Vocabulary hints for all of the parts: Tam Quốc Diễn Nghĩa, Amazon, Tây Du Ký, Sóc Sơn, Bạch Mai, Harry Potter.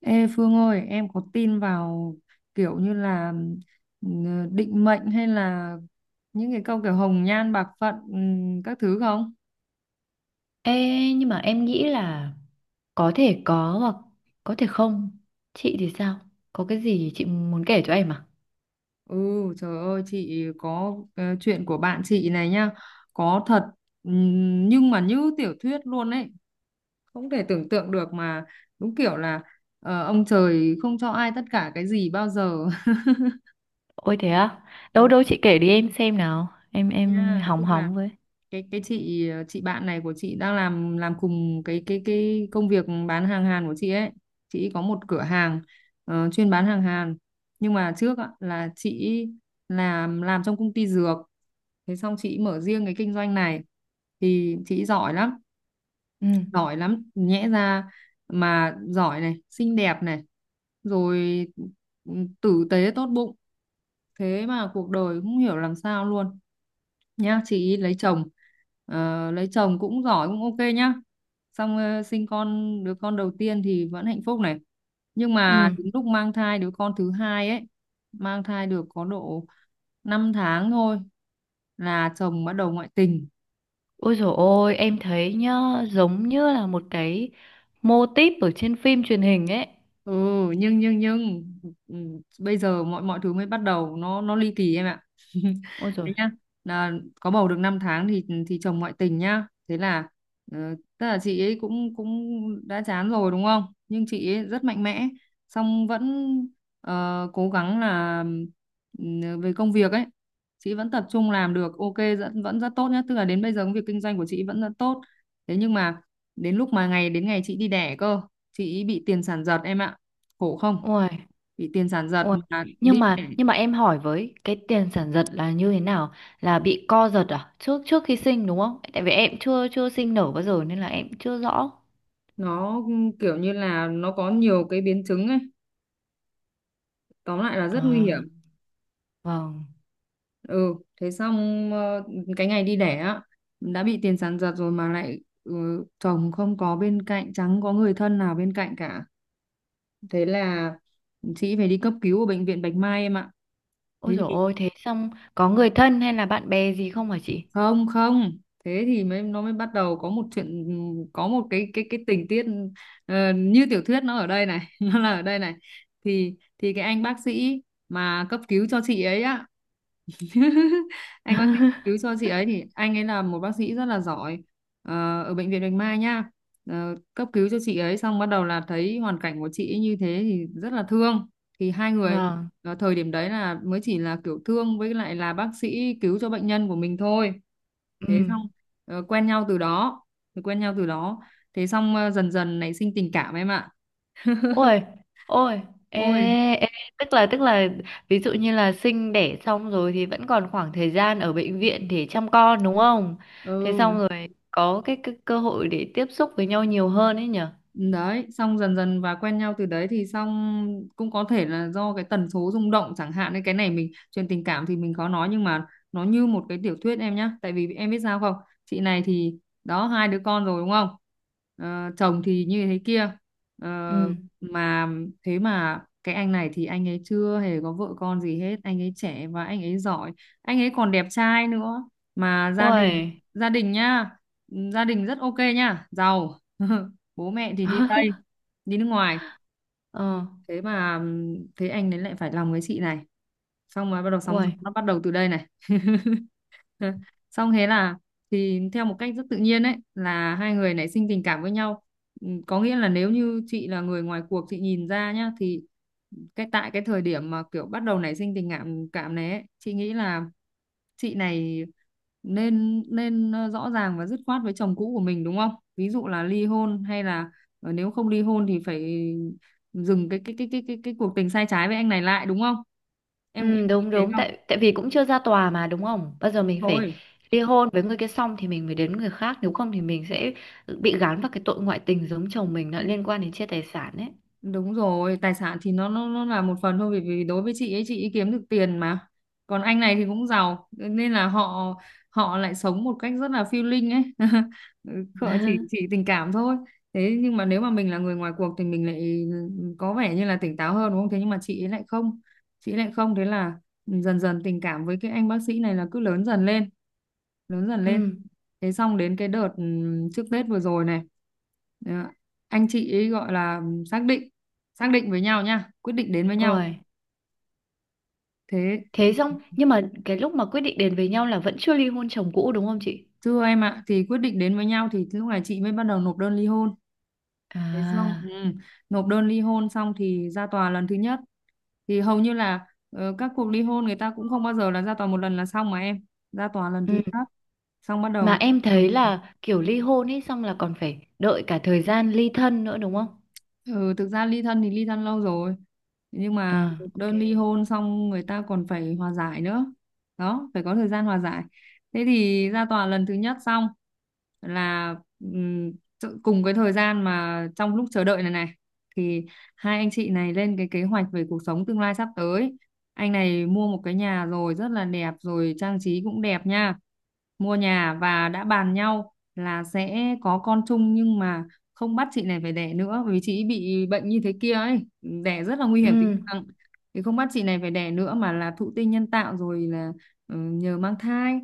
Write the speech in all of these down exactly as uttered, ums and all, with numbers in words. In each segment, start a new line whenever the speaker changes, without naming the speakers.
Ê Phương ơi, em có tin vào kiểu như là ừ, định mệnh hay là những cái câu kiểu hồng nhan bạc phận, ừ, các thứ không?
Ê, nhưng mà em nghĩ là có thể có hoặc có thể không. Chị thì sao? Có cái gì chị muốn kể cho em à?
Ừ, trời ơi, chị có ờ, chuyện của bạn chị này nhá, có thật, ừ, nhưng mà như tiểu thuyết luôn ấy, không thể tưởng tượng được mà. Đúng kiểu là ờ, ông trời không cho ai tất cả cái gì bao giờ.
Ôi thế á? Đâu
Ừ,
đâu chị kể đi em xem nào. Em em
nha, tức
hóng
là
hóng với.
cái cái chị, ờ, chị bạn này của chị đang làm làm cùng cái cái cái công việc bán hàng Hàn của chị ấy. Chị có một cửa hàng ờ, chuyên bán hàng Hàn, nhưng mà trước á, là chị làm làm trong công ty dược. Thế xong chị mở riêng cái kinh doanh này thì chị giỏi lắm.
Ừ.
Giỏi lắm nhẽ ra mà giỏi này, xinh đẹp này, rồi ừ, tử tế tốt bụng. Thế mà cuộc đời cũng hiểu làm sao luôn nhá. Chị ý lấy chồng, ờ, lấy chồng cũng giỏi, cũng ok nhá. Xong ờ, sinh con, đứa con đầu tiên thì vẫn hạnh phúc này, nhưng mà
Ừ.
đến lúc mang thai đứa con thứ hai ấy, mang thai được có độ năm tháng thôi là chồng bắt đầu ngoại tình.
Ôi dồi ôi, em thấy nhá, giống như là một cái mô típ ở trên phim truyền hình ấy.
Ừ, nhưng nhưng nhưng ừ, bây giờ mọi mọi thứ mới bắt đầu nó nó ly kỳ em ạ.
Ôi
Thế
dồi.
nhá, là có bầu được năm tháng thì thì chồng ngoại tình nhá. Thế là ờ, tức là chị ấy cũng cũng đã chán rồi đúng không, nhưng chị ấy rất mạnh mẽ, xong vẫn ờ, cố gắng là, ừ, về công việc ấy chị vẫn tập trung làm được ok, vẫn vẫn rất tốt nhá. Tức là đến bây giờ công việc kinh doanh của chị vẫn rất tốt. Thế nhưng mà đến lúc mà ngày đến ngày chị đi đẻ cơ, chị ấy bị tiền sản giật em ạ, khổ không.
Ôi.
Bị tiền sản giật
Ôi,
mà đi
nhưng mà
để,
nhưng mà em hỏi với cái tiền sản giật là như thế nào? Là bị co giật à? Trước trước khi sinh đúng không? Tại vì em chưa chưa sinh nở bao giờ nên là em chưa rõ.
nó kiểu như là nó có nhiều cái biến chứng ấy, tóm lại là rất nguy hiểm.
À, vâng.
Ừ, thế xong ờ, cái ngày đi đẻ á, đã bị tiền sản giật rồi mà lại, ừ, chồng không có bên cạnh, chẳng có người thân nào bên cạnh cả. Thế là chị phải đi cấp cứu ở bệnh viện Bạch Mai em ạ.
Ôi
Thế
dồi ôi thế xong có người thân hay là bạn bè gì không hả chị?
không, không, thế thì mới, nó mới bắt đầu có một chuyện, có một cái cái cái tình tiết ờ, như tiểu thuyết nó ở đây này. Nó là ở đây này. Thì thì cái anh bác sĩ mà cấp cứu cho chị ấy á, anh bác sĩ cứu cho chị ấy thì anh ấy là một bác sĩ rất là giỏi ờ, ở bệnh viện Bạch Mai nhá. Ờ, cấp cứu cho chị ấy xong bắt đầu là thấy hoàn cảnh của chị ấy như thế thì rất là thương. Thì hai người
Vâng.
ờ, thời điểm đấy là mới chỉ là kiểu thương, với lại là bác sĩ cứu cho bệnh nhân của mình thôi.
Ừ.
Thế xong ờ, quen nhau từ đó, thì quen nhau từ đó. Thế xong ờ, dần dần nảy sinh tình cảm em ạ.
Ôi, ôi, ê,
Ôi.
ê, tức là tức là ví dụ như là sinh đẻ xong rồi thì vẫn còn khoảng thời gian ở bệnh viện để chăm con đúng không? Thế
Ừ.
xong rồi có cái, cái cơ hội để tiếp xúc với nhau nhiều hơn ấy nhở?
Đấy, xong dần dần và quen nhau từ đấy thì xong, cũng có thể là do cái tần số rung động chẳng hạn, nên cái này mình chuyện tình cảm thì mình khó nói, nhưng mà nó như một cái tiểu thuyết em nhá, tại vì em biết sao không? Chị này thì đó, hai đứa con rồi đúng không? Ờ, chồng thì như thế kia. Ờ,
Ừ.
mà thế mà cái anh này thì anh ấy chưa hề có vợ con gì hết, anh ấy trẻ và anh ấy giỏi, anh ấy còn đẹp trai nữa, mà gia đình,
Ôi,
gia đình nhá, gia đình rất ok nhá, giàu. Bố mẹ thì đi Tây, đi nước ngoài.
ờ,
Thế mà ừm, thế anh ấy lại phải lòng với chị này, xong rồi bắt đầu sóng gió,
ôi.
nó bắt đầu từ đây này. Xong thế là, thì theo một cách rất tự nhiên ấy, là hai người nảy sinh tình cảm với nhau. Ừm, có nghĩa là nếu như chị là người ngoài cuộc, chị nhìn ra nhá, thì cái tại cái thời điểm mà kiểu bắt đầu nảy sinh tình cảm cảm này ấy, chị nghĩ là chị này nên nên ờ, rõ ràng và dứt khoát với chồng cũ của mình đúng không? Ví dụ là ly hôn hay là ờ, nếu không ly hôn thì phải dừng cái cái cái cái cái cái cuộc tình sai trái với anh này lại đúng không, em em
Ừ,
có nghĩ
đúng
thế
đúng
không?
tại tại vì cũng chưa ra tòa mà đúng không? Bây giờ mình phải
Thôi.
ly hôn với người kia xong thì mình mới đến người khác, nếu không thì mình sẽ bị gán vào cái tội ngoại tình giống chồng mình lại liên quan đến chia tài sản ấy.
Đúng rồi, tài sản thì nó nó nó là một phần thôi, vì vì đối với chị ấy, chị ấy kiếm được tiền mà. Còn anh này thì cũng giàu nên là họ, họ lại sống một cách rất là phiêu linh ấy. Họ chỉ chỉ tình cảm thôi. Thế nhưng mà nếu mà mình là người ngoài cuộc thì mình lại có vẻ như là tỉnh táo hơn đúng không? Thế nhưng mà chị ấy lại không. Chị ấy lại không, thế là dần dần tình cảm với cái anh bác sĩ này là cứ lớn dần lên, lớn dần
Ừ.
lên. Thế xong đến cái đợt ừm, trước Tết vừa rồi này. Đó. Anh chị ấy gọi là xác định, xác định với nhau nha, quyết định đến với nhau.
Ôi.
Thế
Thế xong, nhưng mà cái lúc mà quyết định đến với nhau là vẫn chưa ly hôn chồng cũ đúng không chị?
thưa em ạ, thì quyết định đến với nhau thì lúc này chị mới bắt đầu nộp đơn ly hôn. Thế xong,
À,
ừ, nộp đơn ly hôn xong thì ra tòa lần thứ nhất, thì hầu như là ờ, các cuộc ly hôn người ta cũng không bao giờ là ra tòa một lần là xong mà em. Ra tòa lần thứ
ừ.
nhất xong bắt đầu
Mà
người
em
ta
thấy
còn,
là kiểu ly hôn ấy xong là còn phải đợi cả thời gian ly thân nữa đúng không?
ừ, thực ra ly thân thì ly thân lâu rồi, nhưng mà
À, ok.
đơn ly hôn xong người ta còn phải hòa giải nữa. Đó, phải có thời gian hòa giải. Thế thì ra tòa lần thứ nhất xong là ừm, tự- cùng cái thời gian mà trong lúc chờ đợi này này thì hai anh chị này lên cái kế hoạch về cuộc sống tương lai sắp tới. Anh này mua một cái nhà rồi rất là đẹp, rồi trang trí cũng đẹp nha. Mua nhà và đã bàn nhau là sẽ có con chung, nhưng mà không bắt chị này phải đẻ nữa, bởi vì chị ấy bị bệnh như thế kia ấy, đẻ rất là nguy hiểm tính
Ừ,
mạng, thì không bắt chị này phải đẻ nữa, mà là thụ tinh nhân tạo rồi là ừ, nhờ mang thai.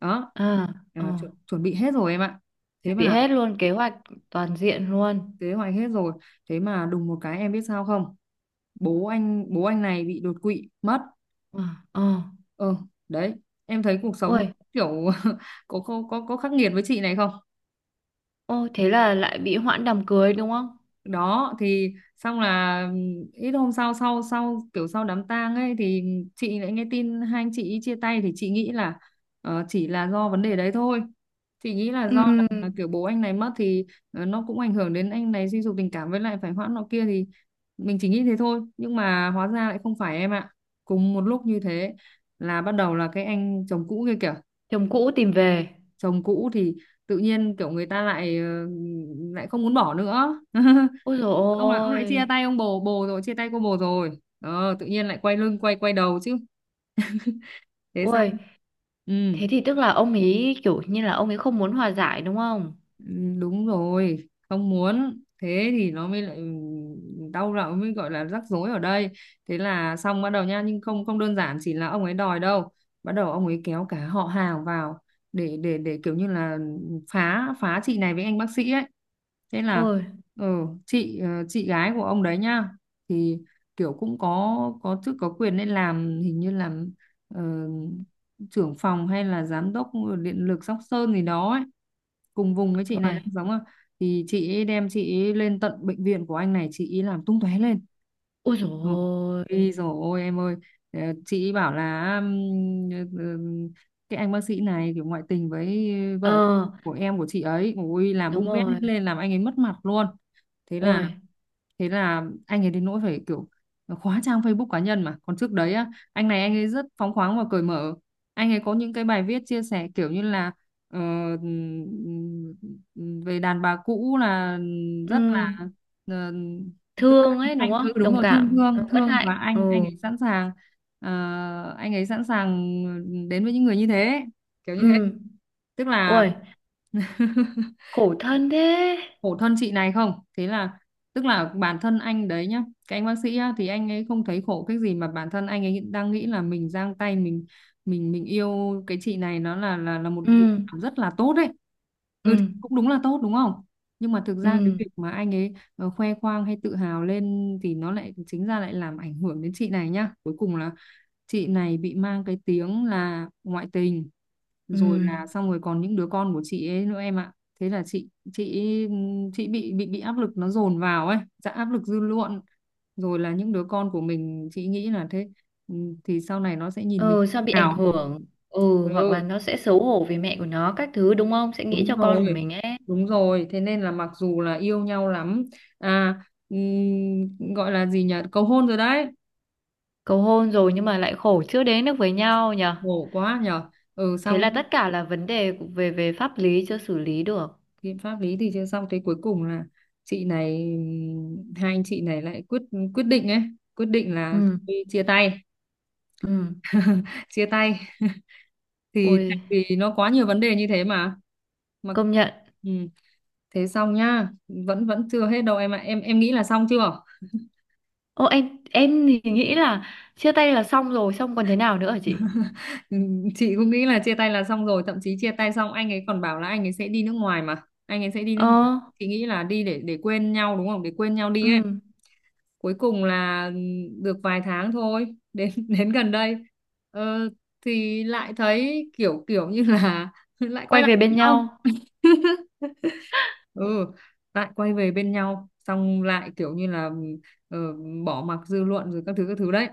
Đó.
à,
Ờ,
ờ.
chu- chuẩn bị hết rồi em ạ. Thế
Chuẩn bị
mà,
hết luôn kế hoạch toàn diện luôn.
kế hoạch hết rồi, thế mà đùng một cái em biết sao không, bố anh bố anh này bị đột quỵ mất.
Ờ, ờ.
ờ Đấy, em thấy cuộc sống
Ôi,
kiểu có có có có khắc nghiệt với chị này không.
ô thế là lại bị hoãn đám cưới đúng không?
Đó, thì xong là ít hôm sau, sau sau kiểu sau đám tang ấy thì chị lại nghe tin hai anh chị ý chia tay, thì chị nghĩ là ờ, chỉ là do vấn đề đấy thôi. Chị nghĩ là
Ừ,
do là, là kiểu bố anh này mất thì ờ, nó cũng ảnh hưởng đến anh này suy sụp tình cảm, với lại phải hoãn nọ kia thì mình chỉ nghĩ thế thôi, nhưng mà hóa ra lại không phải em ạ. Cùng một lúc như thế, là bắt đầu là cái anh chồng cũ kia kìa.
chồng cũ tìm về.
Chồng cũ thì tự nhiên kiểu người ta lại ờ, lại không muốn bỏ nữa.
Ôi dồi
Ông là ông lại chia
ôi.
tay ông bồ, bồ rồi chia tay cô bồ rồi, ờ, tự nhiên lại quay lưng, quay quay đầu chứ, thế sao.
Ôi,
Ừ.
thế thì tức là ông ấy kiểu như là ông ấy không muốn hòa giải đúng không?
Ừ, đúng rồi, không muốn, thế thì nó mới lại đau đầu, mới gọi là rắc rối ở đây. Thế là xong bắt đầu nha, nhưng không, không đơn giản chỉ là ông ấy đòi đâu, bắt đầu ông ấy kéo cả họ hàng vào để để để kiểu như là phá phá chị này với anh bác sĩ ấy. Thế là
Ôi,
ừ, chị, ờ, chị gái của ông đấy nhá, thì kiểu cũng có có chức có quyền, nên làm hình như làm trưởng phòng hay là giám đốc điện lực Sóc Sơn gì đó ấy, cùng vùng với chị này đang
ôi,
giống à, thì chị ấy đem chị ấy lên tận bệnh viện của anh này, chị ấy làm tung tóe lên.
ôi dồi
Ừ.
ôi.
Ôi dồi ôi em ơi. Ờ, chị ấy bảo là ừm, ừm, cái anh bác sĩ này kiểu ngoại tình với vợ
Ờ,
của em của chị ấy, ôi làm
đúng
bung bét hết
rồi,
lên, làm anh ấy mất mặt luôn. thế
ôi,
là thế là anh ấy đến nỗi phải kiểu khóa trang Facebook cá nhân, mà còn trước đấy á, anh này anh ấy rất phóng khoáng và cởi mở. Anh ấy có những cái bài viết chia sẻ kiểu như là ờ, ừm, ừm, về đàn bà cũ là
ừ,
rất là ờ, tức là
thương
anh
ấy đúng
anh- ừ
không?
đúng
Đồng
rồi, thương
cảm, ờ,
thương
bất
thương, và
hạnh, ừ,
anh anh ấy sẵn sàng, ờ, anh ấy sẵn sàng đến với những người như thế, kiểu như thế.
ừ,
Tức là
ôi, khổ thân thế,
khổ thân chị này không. Thế là, tức là bản thân anh đấy nhá, cái anh bác sĩ á, thì anh ấy không thấy khổ cái gì, mà bản thân anh ấy đang nghĩ là mình giang tay, mình mình mình yêu cái chị này, nó là là là một
ừ,
việc làm rất là tốt đấy.
ừ,
Ừ thì cũng đúng là tốt đúng không. Nhưng mà thực
ừ,
ra cái việc mà anh ấy ờ, khoe khoang hay tự hào lên thì nó lại chính ra lại làm ảnh hưởng đến chị này nhá, cuối cùng là chị này bị mang cái tiếng là ngoại tình, rồi
ừ,
là xong rồi còn những đứa con của chị ấy nữa em ạ. Thế là chị chị chị bị bị bị áp lực, nó dồn vào ấy, dạ, áp lực dư luận, rồi là những đứa con của mình, chị nghĩ là thế, ừ, thì sau này nó sẽ nhìn mình.
ừ, sao bị ảnh
Nào,
hưởng, ừ,
ừ
hoặc là nó sẽ xấu hổ vì mẹ của nó các thứ đúng không? Sẽ nghĩ
đúng
cho con của
rồi,
mình ấy,
đúng rồi, thế nên là mặc dù là yêu nhau lắm, à, ừm, gọi là gì nhỉ, cầu hôn rồi đấy.
cầu hôn rồi nhưng mà lại khổ chưa đến được với nhau nhở?
Khổ quá nhở. Ừ xong
Thế
nhá,
là tất cả là vấn đề về về pháp lý chưa xử lý được,
biện pháp lý thì chưa xong, thế cuối cùng là chị này ừm, hai anh chị này lại quyết, quyết định ấy, quyết định là
ừ,
thôi chia tay,
ừ,
chia tay. Thì
ôi.
tại vì nó quá nhiều vấn đề như thế mà mà
Công nhận.
ừ. Thế xong nhá, vẫn vẫn chưa hết đâu em ạ, em em nghĩ là xong chưa.
Ô em em thì nghĩ là chia tay là xong rồi, xong còn thế nào nữa hả chị?
Ừ, chị cũng nghĩ là chia tay là xong rồi, thậm chí chia tay xong anh ấy còn bảo là anh ấy sẽ đi nước ngoài, mà anh ấy sẽ đi nước
Ờ,
ngoài. Chị nghĩ là đi để để quên nhau đúng không, để quên nhau đi ấy.
ừ,
Cuối cùng là, ừ, được vài tháng thôi, đến đến gần đây, ờ, thì lại thấy kiểu kiểu như là lại quay
quay về
lại
bên
với nhau.
nhau.
Ừ, lại quay về bên nhau, xong lại kiểu như là, ờ, bỏ mặc dư luận rồi các thứ các thứ đấy,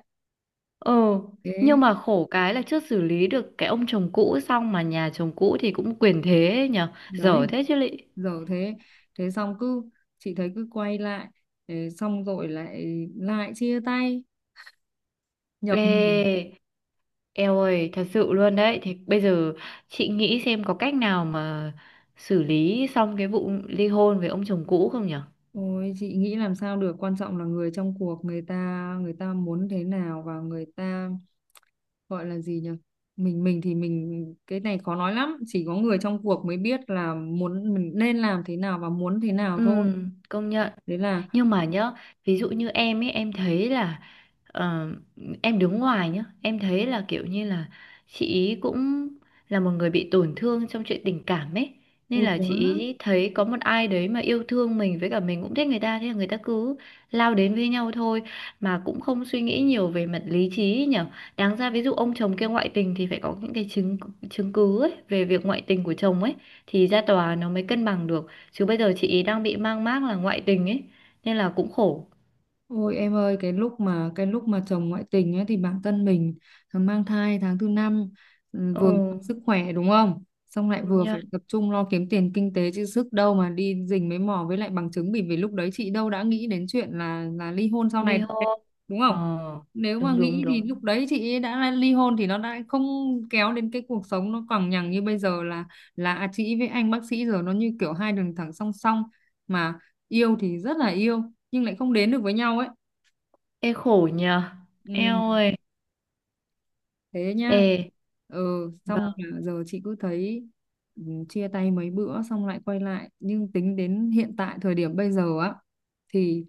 Ừ,
thế
nhưng mà khổ cái là chưa xử lý được cái ông chồng cũ xong mà nhà chồng cũ thì cũng quyền thế ấy nhở,
đấy.
dở thế chứ lị.
Giờ thế, thế xong cứ, chị thấy cứ quay lại, thế xong rồi lại, lại chia tay, nhập nhằng.
Ê, eo ơi, thật sự luôn đấy. Thì bây giờ chị nghĩ xem có cách nào mà xử lý xong cái vụ ly hôn với ông chồng cũ không nhở?
Ôi chị nghĩ làm sao được, quan trọng là người trong cuộc, người ta người ta muốn thế nào, và người ta, gọi là gì nhỉ, mình mình thì mình, cái này khó nói lắm, chỉ có người trong cuộc mới biết là muốn mình nên làm thế nào và muốn thế nào
Ừ,
thôi.
công nhận.
Thế là
Nhưng mà nhá, ví dụ như em ấy em thấy là ờ, em đứng ngoài nhá em thấy là kiểu như là chị ý cũng là một người bị tổn thương trong chuyện tình cảm ấy, nên
Ôi
là
quá.
chị ý thấy có một ai đấy mà yêu thương mình với cả mình cũng thích người ta, thế là người ta cứ lao đến với nhau thôi, mà cũng không suy nghĩ nhiều về mặt lý trí ấy nhở. Đáng ra ví dụ ông chồng kia ngoại tình thì phải có những cái chứng chứng cứ ấy về việc ngoại tình của chồng ấy, thì ra tòa nó mới cân bằng được, chứ bây giờ chị ý đang bị mang mác là ngoại tình ấy, nên là cũng khổ.
Ôi em ơi, cái lúc mà cái lúc mà chồng ngoại tình ấy thì bản thân mình ờ, mang thai tháng thứ năm, ừ, vừa
Ừ,
sức khỏe đúng không? Xong lại
công
vừa
nhận.
phải tập trung lo kiếm tiền kinh tế, chứ sức đâu mà đi rình mấy mò với lại bằng chứng, bởi vì lúc đấy chị đâu đã nghĩ đến chuyện là là ly hôn sau này
Ly
đâu đấy,
hôn.
đúng
Ờ,
không? Nếu mà
đúng đúng
nghĩ thì lúc
đúng.
đấy chị ấy đã ly hôn thì nó đã không kéo đến cái cuộc sống nó còng nhằng như bây giờ, là là à, chị với anh bác sĩ giờ nó như kiểu hai đường thẳng song song, mà yêu thì rất là yêu, nhưng lại không đến được với nhau ấy.
Ê khổ nhờ.
Ừ,
Eo ơi.
thế
Ê.
nhá. Ừ xong
Vâng.
là giờ chị cứ thấy, ừ, chia tay mấy bữa xong lại quay lại, nhưng tính đến hiện tại thời điểm bây giờ á, thì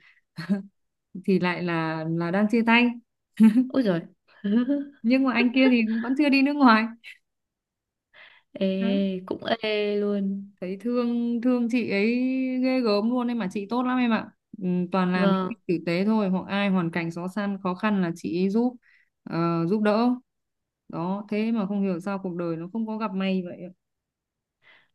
thì lại là là đang chia tay.
Ôi rồi.
Nhưng mà anh kia thì cũng vẫn chưa đi nước ngoài.
Ê,
Đó.
cũng ê luôn.
Thấy thương thương chị ấy ghê gớm luôn em, mà chị tốt lắm em ạ, ừ, toàn làm những
Vâng.
việc tử tế thôi, hoặc ai hoàn cảnh khó khăn khó khăn là chị ấy giúp, ờ, giúp đỡ. Đó, thế mà không hiểu sao cuộc đời nó không có gặp may vậy ạ.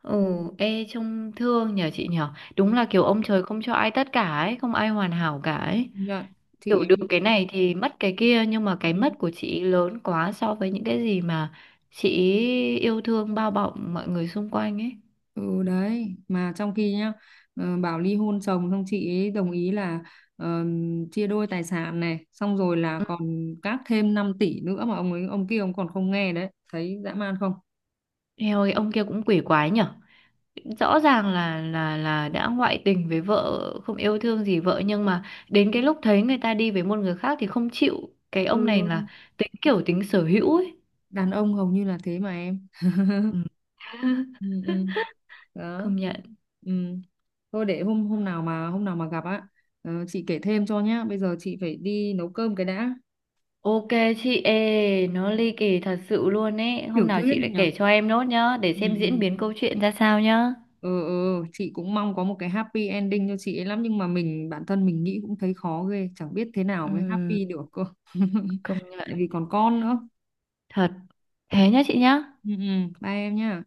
Ừ. Ê trông thương nhờ chị nhờ,
Ừ.
đúng là kiểu ông trời không cho ai tất cả ấy, không ai hoàn hảo cả ấy.
Dạ, chị
Kiểu
ấy,
được cái này thì mất cái kia, nhưng mà cái
ừ
mất của chị lớn quá so với những cái gì mà chị yêu thương bao bọc mọi người xung quanh ấy.
ừ, đấy, mà trong khi nhá, ờ, bảo ly hôn chồng xong chị ấy đồng ý là, ờ, chia đôi tài sản này, xong rồi là
Ừ.
còn các thêm năm tỷ nữa mà ông ấy, ông kia ông còn không nghe đấy, thấy dã man không.
Eo ơi ông kia cũng quỷ quái nhở. Rõ ràng là là là đã ngoại tình với vợ, không yêu thương gì vợ, nhưng mà đến cái lúc thấy người ta đi với một người khác thì không chịu, cái ông này là
Ừ.
tính kiểu tính sở hữu ấy.
Đàn ông hầu như là thế mà em.
Ừ.
Ừ, ừ. Đó.
Công nhận.
Ừ. Thôi để hôm hôm nào mà hôm nào mà gặp á, ờ, chị kể thêm cho nhá, bây giờ chị phải đi nấu cơm cái đã.
Ok chị, ê nó ly kỳ thật sự luôn ấy, hôm
Tiểu
nào
thuyết
chị
đấy
lại
nhở.
kể cho em nốt nhá, để
Ừ.
xem diễn biến
Ừ.
câu chuyện ra sao nhá.
Ừ ừ, chị cũng mong có một cái happy ending cho chị ấy lắm, nhưng mà mình bản thân mình nghĩ cũng thấy khó ghê, chẳng biết thế nào mới
Ừm,
happy được cơ.
công
Tại
nhận.
vì còn con nữa.
Thật. Thế nhá chị nhá.
Ừ, ừ. Bye em nhá.